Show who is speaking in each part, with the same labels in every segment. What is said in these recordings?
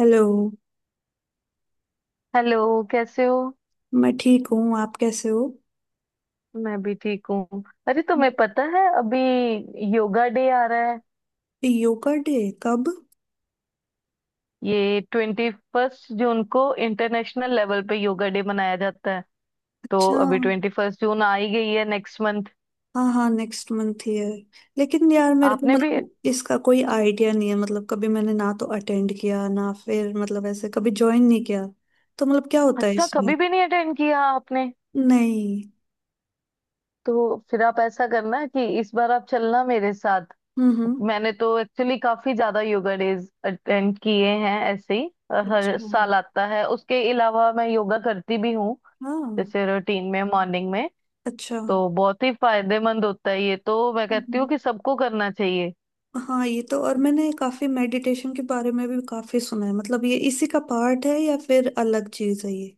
Speaker 1: Hello.
Speaker 2: Hello. कैसे हो?
Speaker 1: मैं ठीक हूँ। आप कैसे हो?
Speaker 2: मैं भी ठीक हूँ। अरे तुम्हें पता है अभी योगा डे आ रहा है।
Speaker 1: योगा डे? कब?
Speaker 2: ये 21st जून को इंटरनेशनल लेवल पे योगा डे मनाया जाता है। तो
Speaker 1: अच्छा।
Speaker 2: अभी 21st जून आ ही गई है नेक्स्ट मंथ।
Speaker 1: हाँ हाँ, नेक्स्ट मंथ ही है। लेकिन यार, मेरे को
Speaker 2: आपने भी?
Speaker 1: मतलब इसका कोई आइडिया नहीं है। मतलब कभी मैंने ना तो अटेंड किया ना फिर मतलब ऐसे कभी ज्वाइन नहीं किया। तो मतलब क्या होता है
Speaker 2: अच्छा,
Speaker 1: इसमें?
Speaker 2: कभी भी नहीं अटेंड किया आपने?
Speaker 1: नहीं।
Speaker 2: तो फिर आप ऐसा करना कि इस बार आप चलना मेरे साथ।
Speaker 1: हम्म।
Speaker 2: मैंने तो एक्चुअली काफी ज्यादा योगा डेज अटेंड किए हैं ऐसे ही। हर
Speaker 1: अच्छा।
Speaker 2: साल आता है। उसके अलावा मैं योगा करती भी हूँ,
Speaker 1: हाँ।
Speaker 2: जैसे रूटीन में मॉर्निंग में।
Speaker 1: अच्छा।
Speaker 2: तो बहुत ही फायदेमंद होता है, ये तो मैं कहती हूँ
Speaker 1: हम्म,
Speaker 2: कि सबको करना चाहिए।
Speaker 1: हाँ, ये तो। और मैंने काफी मेडिटेशन के बारे में भी काफी सुना है। मतलब ये इसी का पार्ट है या फिर अलग चीज है ये?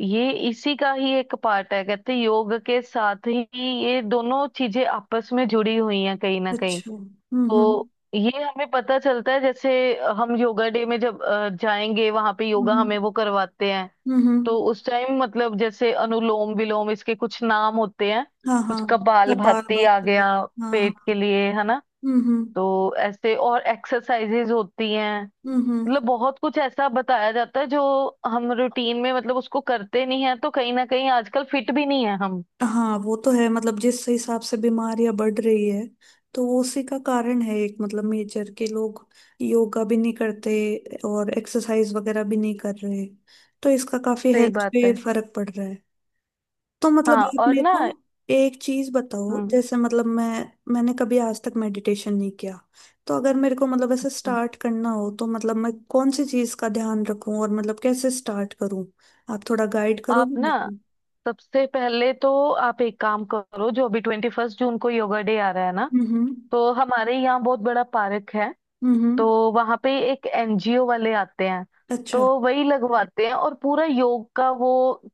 Speaker 2: ये इसी का ही एक पार्ट है, कहते हैं योग के साथ ही ये दोनों चीजें आपस में जुड़ी हुई हैं कहीं ना कहीं।
Speaker 1: अच्छा। हम्म।
Speaker 2: तो ये हमें पता चलता है, जैसे हम योगा डे में जब जाएंगे वहां पे योगा
Speaker 1: हम्म
Speaker 2: हमें वो करवाते हैं।
Speaker 1: हम्म। हम्म।
Speaker 2: तो उस टाइम मतलब जैसे अनुलोम विलोम, इसके कुछ नाम होते हैं।
Speaker 1: हाँ हाँ।
Speaker 2: कुछ कपाल
Speaker 1: कपाल
Speaker 2: भाती आ
Speaker 1: भाती?
Speaker 2: गया,
Speaker 1: हाँ
Speaker 2: पेट
Speaker 1: हाँ।
Speaker 2: के लिए है ना।
Speaker 1: हम्म।
Speaker 2: तो ऐसे और एक्सरसाइजेज होती हैं।
Speaker 1: हम्म, हम्म।
Speaker 2: मतलब बहुत कुछ ऐसा बताया जाता है जो हम रूटीन में मतलब उसको करते नहीं है, तो कहीं ना कहीं आजकल फिट भी नहीं है हम।
Speaker 1: हाँ, वो तो है। मतलब जिस हिसाब से बीमारियां बढ़ रही है, तो वो उसी का कारण है। एक मतलब मेजर के लोग योगा भी नहीं करते और एक्सरसाइज वगैरह भी नहीं कर रहे, तो इसका काफी
Speaker 2: सही
Speaker 1: हेल्थ
Speaker 2: बात
Speaker 1: पे
Speaker 2: है।
Speaker 1: फर्क पड़ रहा है। तो मतलब
Speaker 2: हाँ
Speaker 1: आप
Speaker 2: और
Speaker 1: मेरे
Speaker 2: ना।
Speaker 1: को एक चीज बताओ।
Speaker 2: हम्म।
Speaker 1: जैसे मतलब मैंने कभी आज तक मेडिटेशन नहीं किया। तो अगर मेरे को मतलब ऐसे
Speaker 2: अच्छा,
Speaker 1: स्टार्ट करना हो, तो मतलब मैं कौन सी चीज का ध्यान रखूं और मतलब कैसे स्टार्ट करूं? आप थोड़ा गाइड
Speaker 2: आप
Speaker 1: करोगे
Speaker 2: ना
Speaker 1: मेरे को?
Speaker 2: सबसे पहले तो आप एक काम करो। जो अभी 21st जून को योगा डे आ रहा है ना,
Speaker 1: हम्म
Speaker 2: तो हमारे यहाँ बहुत बड़ा पार्क है।
Speaker 1: हम्म।
Speaker 2: तो वहां पे एक एनजीओ वाले आते हैं। तो
Speaker 1: अच्छा।
Speaker 2: वही लगवाते हैं और पूरा योग का वो,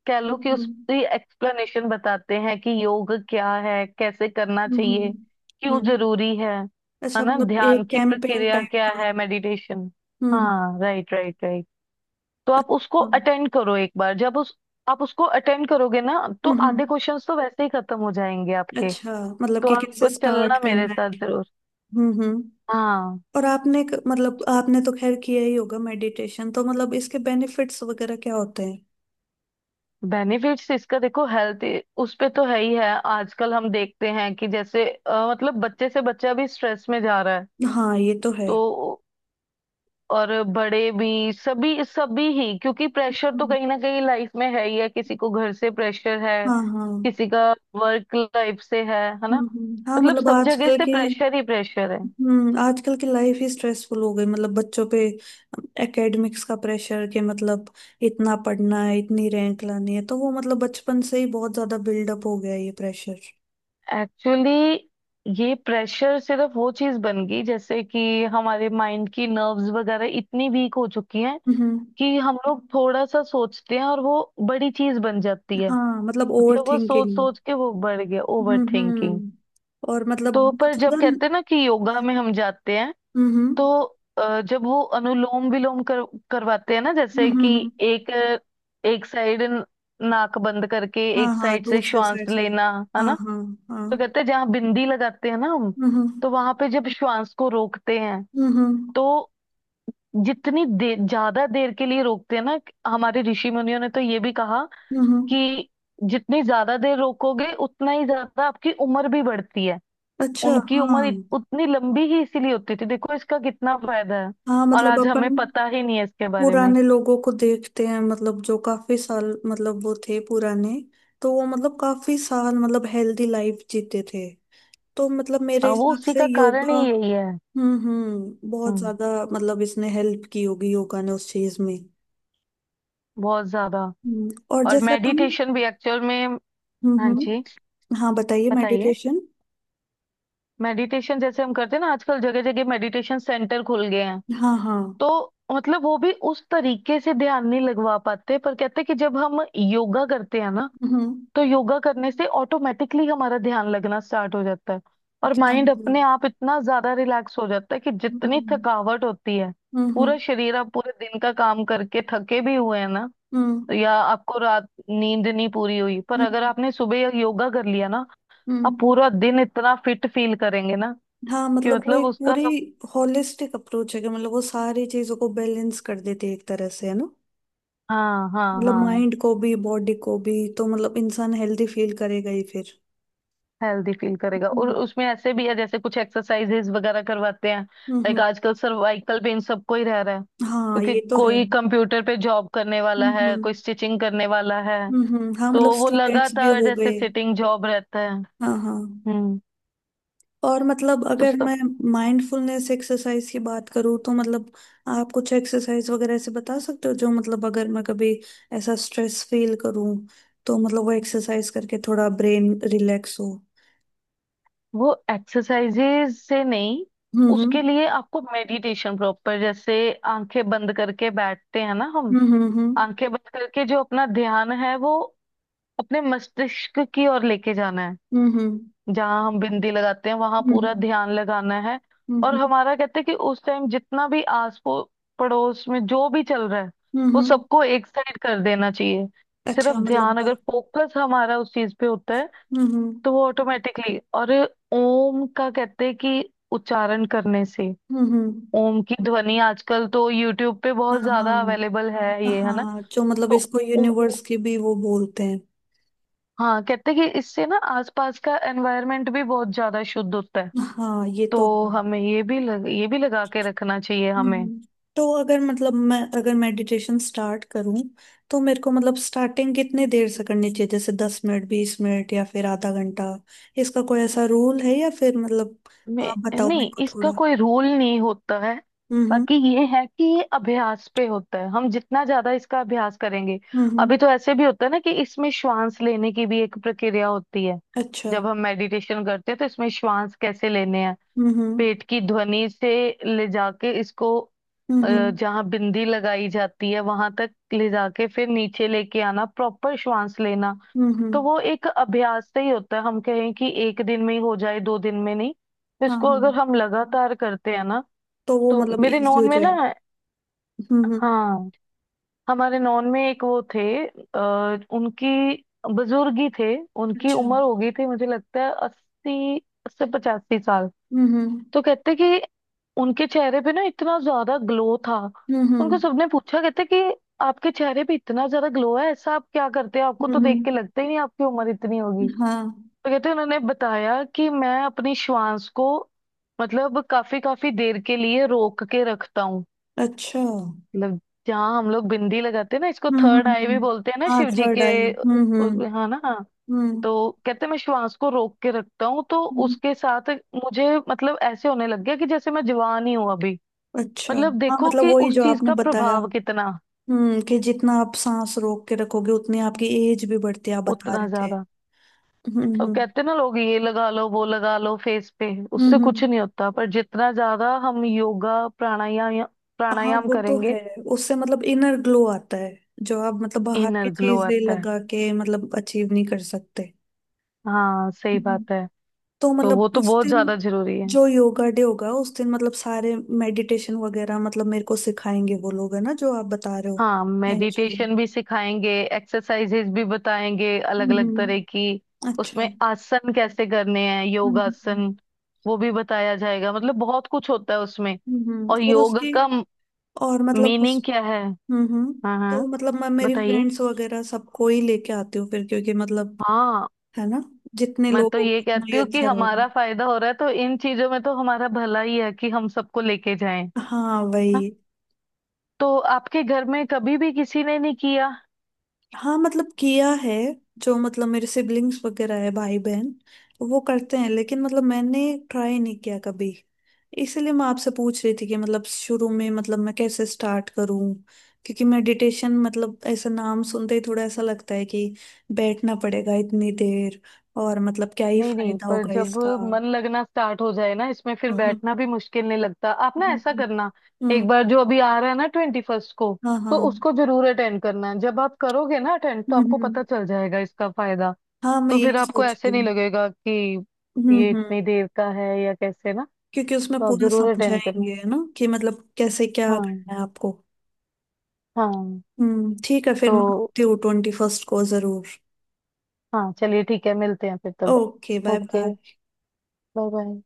Speaker 2: कह लो कि
Speaker 1: हम्म
Speaker 2: उसकी एक्सप्लेनेशन बताते हैं कि योग क्या है, कैसे करना
Speaker 1: हम्म।
Speaker 2: चाहिए, क्यों
Speaker 1: हम्म।
Speaker 2: जरूरी है
Speaker 1: अच्छा,
Speaker 2: ना?
Speaker 1: मतलब
Speaker 2: ध्यान
Speaker 1: एक
Speaker 2: की
Speaker 1: कैंपेन
Speaker 2: प्रक्रिया
Speaker 1: टाइप
Speaker 2: क्या
Speaker 1: का?
Speaker 2: है, मेडिटेशन।
Speaker 1: हम्म
Speaker 2: हाँ, राइट राइट राइट। तो आप उसको
Speaker 1: हम्म।
Speaker 2: अटेंड करो एक बार। जब उस, आप उसको अटेंड करोगे ना, तो
Speaker 1: हम्म।
Speaker 2: आधे क्वेश्चंस तो वैसे ही खत्म हो जाएंगे आपके।
Speaker 1: अच्छा। मतलब
Speaker 2: तो
Speaker 1: कि कैसे
Speaker 2: आप
Speaker 1: स्टार्ट
Speaker 2: चलना मेरे
Speaker 1: करना
Speaker 2: साथ
Speaker 1: है।
Speaker 2: जरूर।
Speaker 1: हम्म।
Speaker 2: हाँ, तो
Speaker 1: और आपने मतलब आपने तो खैर किया ही होगा मेडिटेशन। तो मतलब इसके बेनिफिट्स वगैरह क्या होते हैं?
Speaker 2: बेनिफिट्स इसका देखो, हेल्थ उस पे तो है ही है। आजकल हम देखते हैं कि जैसे मतलब बच्चे से बच्चा भी स्ट्रेस में जा रहा है।
Speaker 1: हाँ, ये तो है।
Speaker 2: तो और बड़े भी सभी सभी ही, क्योंकि प्रेशर तो
Speaker 1: हम्म,
Speaker 2: कहीं ना कहीं लाइफ में है ही है। किसी को घर से प्रेशर है,
Speaker 1: हाँ हाँ।
Speaker 2: किसी का वर्क लाइफ से है ना?
Speaker 1: हम्म। हाँ,
Speaker 2: मतलब
Speaker 1: मतलब
Speaker 2: सब जगह
Speaker 1: आजकल
Speaker 2: से
Speaker 1: की।
Speaker 2: प्रेशर ही प्रेशर है।
Speaker 1: आजकल की लाइफ ही स्ट्रेसफुल हो गई। मतलब बच्चों पे एकेडमिक्स का प्रेशर के मतलब इतना पढ़ना है, इतनी रैंक लानी है, तो वो मतलब बचपन से ही बहुत ज्यादा बिल्डअप हो गया है ये प्रेशर।
Speaker 2: एक्चुअली ये प्रेशर सिर्फ वो चीज बन गई, जैसे कि हमारे माइंड की नर्व्स वगैरह इतनी वीक हो चुकी हैं
Speaker 1: हम्म।
Speaker 2: कि हम लोग थोड़ा सा सोचते हैं और वो बड़ी चीज बन जाती है।
Speaker 1: हाँ, मतलब ओवर
Speaker 2: मतलब वो सोच
Speaker 1: थिंकिंग।
Speaker 2: सोच के वो बढ़ गया, ओवर थिंकिंग।
Speaker 1: हम्म। और मतलब
Speaker 2: तो
Speaker 1: बहुत
Speaker 2: पर जब
Speaker 1: ज्यादा।
Speaker 2: कहते हैं ना कि योगा में हम जाते हैं,
Speaker 1: हम्म।
Speaker 2: तो जब वो अनुलोम विलोम कर करवाते हैं ना, जैसे कि
Speaker 1: हम्म।
Speaker 2: एक एक साइड नाक बंद करके
Speaker 1: हाँ
Speaker 2: एक
Speaker 1: हाँ,
Speaker 2: साइड से
Speaker 1: दूसरे
Speaker 2: श्वास
Speaker 1: साइड से।
Speaker 2: लेना, है
Speaker 1: हाँ
Speaker 2: ना?
Speaker 1: हाँ। हाँ।
Speaker 2: तो कहते हैं जहाँ बिंदी लगाते हैं ना हम,
Speaker 1: हम्म। हम्म।
Speaker 2: तो वहां पे जब श्वास को रोकते हैं,
Speaker 1: हम्म
Speaker 2: तो जितनी देर, ज्यादा देर के लिए रोकते हैं ना, हमारे ऋषि मुनियों ने तो ये भी कहा
Speaker 1: हम्म।
Speaker 2: कि जितनी ज्यादा देर रोकोगे उतना ही ज्यादा आपकी उम्र भी बढ़ती है।
Speaker 1: अच्छा,
Speaker 2: उनकी
Speaker 1: हाँ।
Speaker 2: उम्र उतनी लंबी ही इसीलिए होती थी। देखो इसका कितना फायदा है,
Speaker 1: हाँ,
Speaker 2: और
Speaker 1: मतलब
Speaker 2: आज हमें
Speaker 1: अपन
Speaker 2: पता ही नहीं है इसके बारे में।
Speaker 1: पुराने लोगों को देखते हैं, मतलब जो काफी साल मतलब वो थे पुराने, तो वो मतलब काफी साल मतलब हेल्दी लाइफ जीते थे। तो मतलब मेरे
Speaker 2: हाँ, वो
Speaker 1: हिसाब
Speaker 2: उसी
Speaker 1: से
Speaker 2: का कारण ही
Speaker 1: योगा।
Speaker 2: यही है।
Speaker 1: हम्म, बहुत
Speaker 2: हम्म,
Speaker 1: ज्यादा। मतलब इसने हेल्प की होगी योगा ने उस चीज में।
Speaker 2: बहुत ज्यादा।
Speaker 1: और
Speaker 2: और
Speaker 1: जैसे अपन।
Speaker 2: मेडिटेशन भी एक्चुअल में, हाँ जी
Speaker 1: हम्म। हाँ, बताइए
Speaker 2: बताइए।
Speaker 1: मेडिटेशन।
Speaker 2: मेडिटेशन जैसे हम करते हैं ना, आजकल जगह जगह मेडिटेशन सेंटर खुल गए हैं।
Speaker 1: हाँ हाँ।
Speaker 2: तो मतलब वो भी उस तरीके से ध्यान नहीं लगवा पाते, पर कहते हैं कि जब हम योगा करते हैं ना,
Speaker 1: हम्म।
Speaker 2: तो योगा करने से ऑटोमेटिकली हमारा ध्यान लगना स्टार्ट हो जाता है। और
Speaker 1: अच्छा,
Speaker 2: माइंड अपने
Speaker 1: मतलब।
Speaker 2: आप इतना ज्यादा रिलैक्स हो जाता है कि जितनी
Speaker 1: हम्म
Speaker 2: थकावट होती है,
Speaker 1: हम्म।
Speaker 2: पूरा शरीर, आप पूरे दिन का काम करके थके भी हुए हैं ना,
Speaker 1: हम्म,
Speaker 2: या आपको रात नींद नहीं पूरी हुई, पर
Speaker 1: हम्म। हम्म,
Speaker 2: अगर आपने सुबह योगा कर लिया ना, आप
Speaker 1: हम्म।
Speaker 2: पूरा दिन इतना फिट फील करेंगे ना,
Speaker 1: हाँ,
Speaker 2: कि
Speaker 1: मतलब वो
Speaker 2: मतलब
Speaker 1: एक
Speaker 2: उसका,
Speaker 1: पूरी होलिस्टिक अप्रोच है कि मतलब वो सारी चीजों को बैलेंस कर देती है एक तरह से, है ना?
Speaker 2: हाँ हाँ
Speaker 1: मतलब
Speaker 2: हाँ,
Speaker 1: माइंड को भी, बॉडी को भी। तो मतलब इंसान हेल्दी फील करेगा ही फिर।
Speaker 2: हेल्दी फील करेगा। और
Speaker 1: हम्म
Speaker 2: उसमें ऐसे भी है जैसे कुछ एक्सरसाइजेस वगैरह करवाते हैं। लाइक
Speaker 1: हम्म।
Speaker 2: आजकल सर्वाइकल पेन सबको ही रह रहा है,
Speaker 1: हाँ,
Speaker 2: क्योंकि
Speaker 1: ये तो है।
Speaker 2: कोई कंप्यूटर पे जॉब करने वाला है,
Speaker 1: हम्म।
Speaker 2: कोई स्टिचिंग करने वाला है।
Speaker 1: हाँ,
Speaker 2: तो
Speaker 1: मतलब
Speaker 2: वो
Speaker 1: स्टूडेंट्स भी
Speaker 2: लगातार
Speaker 1: हो
Speaker 2: जैसे
Speaker 1: गए।
Speaker 2: सिटिंग जॉब रहता है।
Speaker 1: हाँ हाँ।
Speaker 2: हम्म।
Speaker 1: और मतलब
Speaker 2: तो
Speaker 1: अगर
Speaker 2: सब,
Speaker 1: मैं माइंडफुलनेस एक्सरसाइज की बात करूँ, तो मतलब आप कुछ एक्सरसाइज वगैरह ऐसे बता सकते हो जो मतलब अगर मैं कभी ऐसा स्ट्रेस फील करूँ, तो मतलब वो एक्सरसाइज करके थोड़ा ब्रेन रिलैक्स हो।
Speaker 2: वो एक्सरसाइजेस से नहीं, उसके
Speaker 1: हम्म।
Speaker 2: लिए आपको मेडिटेशन प्रॉपर, जैसे आंखें बंद करके बैठते हैं ना हम।
Speaker 1: हम्म।
Speaker 2: आंखें बंद करके जो अपना ध्यान है वो अपने मस्तिष्क की ओर लेके जाना है।
Speaker 1: हम्म
Speaker 2: जहाँ हम बिंदी लगाते हैं, वहां पूरा
Speaker 1: हम्म।
Speaker 2: ध्यान लगाना है। और
Speaker 1: हम्म
Speaker 2: हमारा कहते हैं कि उस टाइम जितना भी पड़ोस में जो भी चल रहा है,
Speaker 1: हम्म।
Speaker 2: वो
Speaker 1: हम्म।
Speaker 2: सबको एक साइड कर देना चाहिए। सिर्फ
Speaker 1: अच्छा, मतलब।
Speaker 2: ध्यान, अगर फोकस हमारा उस चीज पे होता है,
Speaker 1: हम्म।
Speaker 2: तो वो ऑटोमेटिकली, और ओम का कहते हैं कि उच्चारण करने से,
Speaker 1: हम्म।
Speaker 2: ओम की ध्वनि आजकल तो यूट्यूब पे
Speaker 1: हाँ
Speaker 2: बहुत
Speaker 1: हाँ
Speaker 2: ज्यादा अवेलेबल है ये, है ना?
Speaker 1: हाँ, जो मतलब
Speaker 2: तो
Speaker 1: इसको
Speaker 2: ओम,
Speaker 1: यूनिवर्स की भी वो बोलते हैं।
Speaker 2: हाँ, कहते हैं कि इससे ना आसपास का एनवायरनमेंट भी बहुत ज्यादा शुद्ध होता है।
Speaker 1: हाँ, ये तो
Speaker 2: तो
Speaker 1: है।
Speaker 2: हमें ये भी लगा के रखना चाहिए हमें।
Speaker 1: हम्म। तो अगर मतलब मैं अगर मेडिटेशन स्टार्ट करूं, तो मेरे को मतलब स्टार्टिंग कितने देर से करनी चाहिए? जैसे 10 मिनट, 20 मिनट या फिर आधा घंटा? इसका कोई ऐसा रूल है या फिर मतलब आप बताओ
Speaker 2: नहीं,
Speaker 1: मेरे को
Speaker 2: इसका
Speaker 1: थोड़ा।
Speaker 2: कोई रूल नहीं होता है।
Speaker 1: हम्म
Speaker 2: बाकी ये है कि ये अभ्यास पे होता है, हम जितना ज्यादा इसका अभ्यास करेंगे।
Speaker 1: हम्म। हम्म।
Speaker 2: अभी तो ऐसे भी होता है ना कि इसमें श्वास लेने की भी एक प्रक्रिया होती है।
Speaker 1: अच्छा।
Speaker 2: जब हम मेडिटेशन करते हैं तो इसमें श्वास कैसे लेने हैं,
Speaker 1: हम्म।
Speaker 2: पेट की ध्वनि से ले जाके इसको, अ,
Speaker 1: हम्म
Speaker 2: जहाँ बिंदी लगाई जाती है वहां तक ले जाके फिर नीचे लेके आना, प्रॉपर श्वास लेना।
Speaker 1: हम्म,
Speaker 2: तो
Speaker 1: हम्म।
Speaker 2: वो एक अभ्यास से ही होता है, हम कहें कि एक दिन में ही हो जाए, दो दिन में, नहीं। तो
Speaker 1: हाँ
Speaker 2: इसको
Speaker 1: हाँ।
Speaker 2: अगर हम लगातार करते हैं ना,
Speaker 1: तो वो
Speaker 2: तो
Speaker 1: मतलब
Speaker 2: मेरे
Speaker 1: इजी हो
Speaker 2: नॉन में
Speaker 1: जाए।
Speaker 2: ना,
Speaker 1: हम्म हम्म।
Speaker 2: हाँ, हमारे नॉन में एक वो थे, उनकी, बुजुर्ग ही थे, उनकी
Speaker 1: अच्छा।
Speaker 2: उम्र हो गई थी, मुझे लगता है 80 से 85 साल।
Speaker 1: हम्म।
Speaker 2: तो कहते कि उनके चेहरे पे ना इतना ज्यादा ग्लो था।
Speaker 1: हम्म
Speaker 2: उनको
Speaker 1: हम्म,
Speaker 2: सबने पूछा, कहते कि आपके चेहरे पे इतना ज्यादा ग्लो है, ऐसा आप क्या करते हैं, आपको तो देख
Speaker 1: हम्म,
Speaker 2: के लगता ही नहीं आपकी उम्र इतनी होगी। तो
Speaker 1: हाँ।
Speaker 2: कहते हैं, उन्होंने बताया कि मैं अपनी श्वास को मतलब काफी काफी देर के लिए रोक के रखता हूँ।
Speaker 1: अच्छा।
Speaker 2: मतलब जहाँ हम लोग बिंदी लगाते हैं ना, इसको
Speaker 1: हम्म।
Speaker 2: थर्ड आई भी
Speaker 1: हम्म।
Speaker 2: बोलते हैं ना,
Speaker 1: हाँ,
Speaker 2: शिव जी
Speaker 1: थर्ड
Speaker 2: के
Speaker 1: आई। हम्म।
Speaker 2: हाँ ना।
Speaker 1: हम्म।
Speaker 2: तो कहते हैं, मैं श्वास को रोक के रखता हूँ, तो
Speaker 1: हम्म।
Speaker 2: उसके साथ मुझे मतलब ऐसे होने लग गया कि जैसे मैं जवान ही हूँ अभी।
Speaker 1: अच्छा।
Speaker 2: मतलब
Speaker 1: हाँ,
Speaker 2: देखो
Speaker 1: मतलब
Speaker 2: कि
Speaker 1: वही
Speaker 2: उस
Speaker 1: जो
Speaker 2: चीज
Speaker 1: आपने
Speaker 2: का
Speaker 1: बताया।
Speaker 2: प्रभाव कितना,
Speaker 1: कि जितना आप सांस रोक के रखोगे उतनी आपकी एज भी बढ़ती है, आप बता
Speaker 2: उतना
Speaker 1: रहे थे।
Speaker 2: ज्यादा। अब
Speaker 1: हम्म।
Speaker 2: कहते हैं ना लोग ये लगा लो वो लगा लो फेस पे,
Speaker 1: हम्म
Speaker 2: उससे
Speaker 1: हम्म।
Speaker 2: कुछ नहीं होता, पर जितना ज्यादा हम योगा,
Speaker 1: हाँ,
Speaker 2: प्राणायाम
Speaker 1: वो तो
Speaker 2: करेंगे,
Speaker 1: है। उससे मतलब इनर ग्लो आता है। जो आप मतलब बाहर की
Speaker 2: इनर ग्लो
Speaker 1: चीजें
Speaker 2: आता है।
Speaker 1: लगा के मतलब अचीव नहीं कर सकते।
Speaker 2: हाँ, सही
Speaker 1: हम्म।
Speaker 2: बात है।
Speaker 1: तो
Speaker 2: तो
Speaker 1: मतलब
Speaker 2: वो तो
Speaker 1: उस
Speaker 2: बहुत
Speaker 1: दिन
Speaker 2: ज्यादा जरूरी है।
Speaker 1: जो योगा डे होगा, उस दिन मतलब सारे मेडिटेशन वगैरह मतलब मेरे को सिखाएंगे वो लोग, है ना, जो आप बता रहे हो?
Speaker 2: हाँ,
Speaker 1: एनजीओ।
Speaker 2: मेडिटेशन भी सिखाएंगे, एक्सरसाइजेज भी बताएंगे अलग अलग तरह
Speaker 1: हम्म।
Speaker 2: की। उसमें
Speaker 1: अच्छा।
Speaker 2: आसन कैसे करने हैं,
Speaker 1: हम्म
Speaker 2: योगासन, वो भी बताया जाएगा। मतलब बहुत कुछ होता है उसमें।
Speaker 1: हम्म।
Speaker 2: और
Speaker 1: और
Speaker 2: योग
Speaker 1: उसकी।
Speaker 2: का
Speaker 1: और मतलब उस।
Speaker 2: मीनिंग क्या है,
Speaker 1: हम्म।
Speaker 2: हाँ हाँ
Speaker 1: तो मतलब मैं मेरी
Speaker 2: बताइए।
Speaker 1: फ्रेंड्स वगैरह सबको ही लेके आती हूँ फिर, क्योंकि मतलब।
Speaker 2: हाँ,
Speaker 1: है ना? जितने
Speaker 2: मैं तो
Speaker 1: लोगों को
Speaker 2: ये
Speaker 1: उतना
Speaker 2: कहती
Speaker 1: ही
Speaker 2: हूँ कि
Speaker 1: अच्छा रहेगा।
Speaker 2: हमारा फायदा हो रहा है, तो इन चीजों में तो हमारा भला ही है कि हम सबको लेके जाएं।
Speaker 1: हाँ, वही।
Speaker 2: हाँ? तो आपके घर में कभी भी किसी ने नहीं किया?
Speaker 1: हाँ, मतलब किया है। जो मतलब मेरे सिबलिंग्स वगैरह है, भाई बहन। वो करते हैं लेकिन मतलब मैंने ट्राई नहीं किया कभी। इसलिए मैं आपसे पूछ रही थी कि मतलब शुरू में मतलब मैं कैसे स्टार्ट करूं? क्योंकि मेडिटेशन मतलब ऐसा नाम सुनते ही थोड़ा ऐसा लगता है कि बैठना पड़ेगा इतनी देर, और मतलब क्या ही
Speaker 2: नहीं नहीं,
Speaker 1: फायदा
Speaker 2: पर
Speaker 1: होगा
Speaker 2: जब
Speaker 1: इसका?
Speaker 2: मन लगना स्टार्ट हो जाए ना इसमें, फिर
Speaker 1: हम्म
Speaker 2: बैठना भी मुश्किल नहीं लगता। आप ना
Speaker 1: हम्म।
Speaker 2: ऐसा करना,
Speaker 1: हम्म।
Speaker 2: एक बार जो अभी आ रहा है ना 21st को,
Speaker 1: हाँ हाँ।
Speaker 2: तो उसको जरूर अटेंड करना है। जब आप करोगे ना अटेंड, तो आपको
Speaker 1: हम्म।
Speaker 2: पता चल जाएगा इसका फायदा।
Speaker 1: हाँ, मैं
Speaker 2: तो फिर
Speaker 1: यही
Speaker 2: आपको
Speaker 1: सोच रही
Speaker 2: ऐसे नहीं
Speaker 1: हूँ।
Speaker 2: लगेगा कि ये
Speaker 1: हम्म।
Speaker 2: इतनी देर का है या कैसे, ना?
Speaker 1: क्योंकि उसमें
Speaker 2: तो आप
Speaker 1: पूरा
Speaker 2: जरूर अटेंड करना।
Speaker 1: समझाएंगे, है ना, कि मतलब कैसे क्या
Speaker 2: हाँ,
Speaker 1: करना है आपको।
Speaker 2: हाँ।
Speaker 1: ठीक है, फिर मैं
Speaker 2: तो
Speaker 1: आती हूँ 21st को जरूर।
Speaker 2: हाँ, चलिए ठीक है, मिलते हैं फिर तब।
Speaker 1: Okay, bye
Speaker 2: okay,
Speaker 1: bye.
Speaker 2: Bye bye.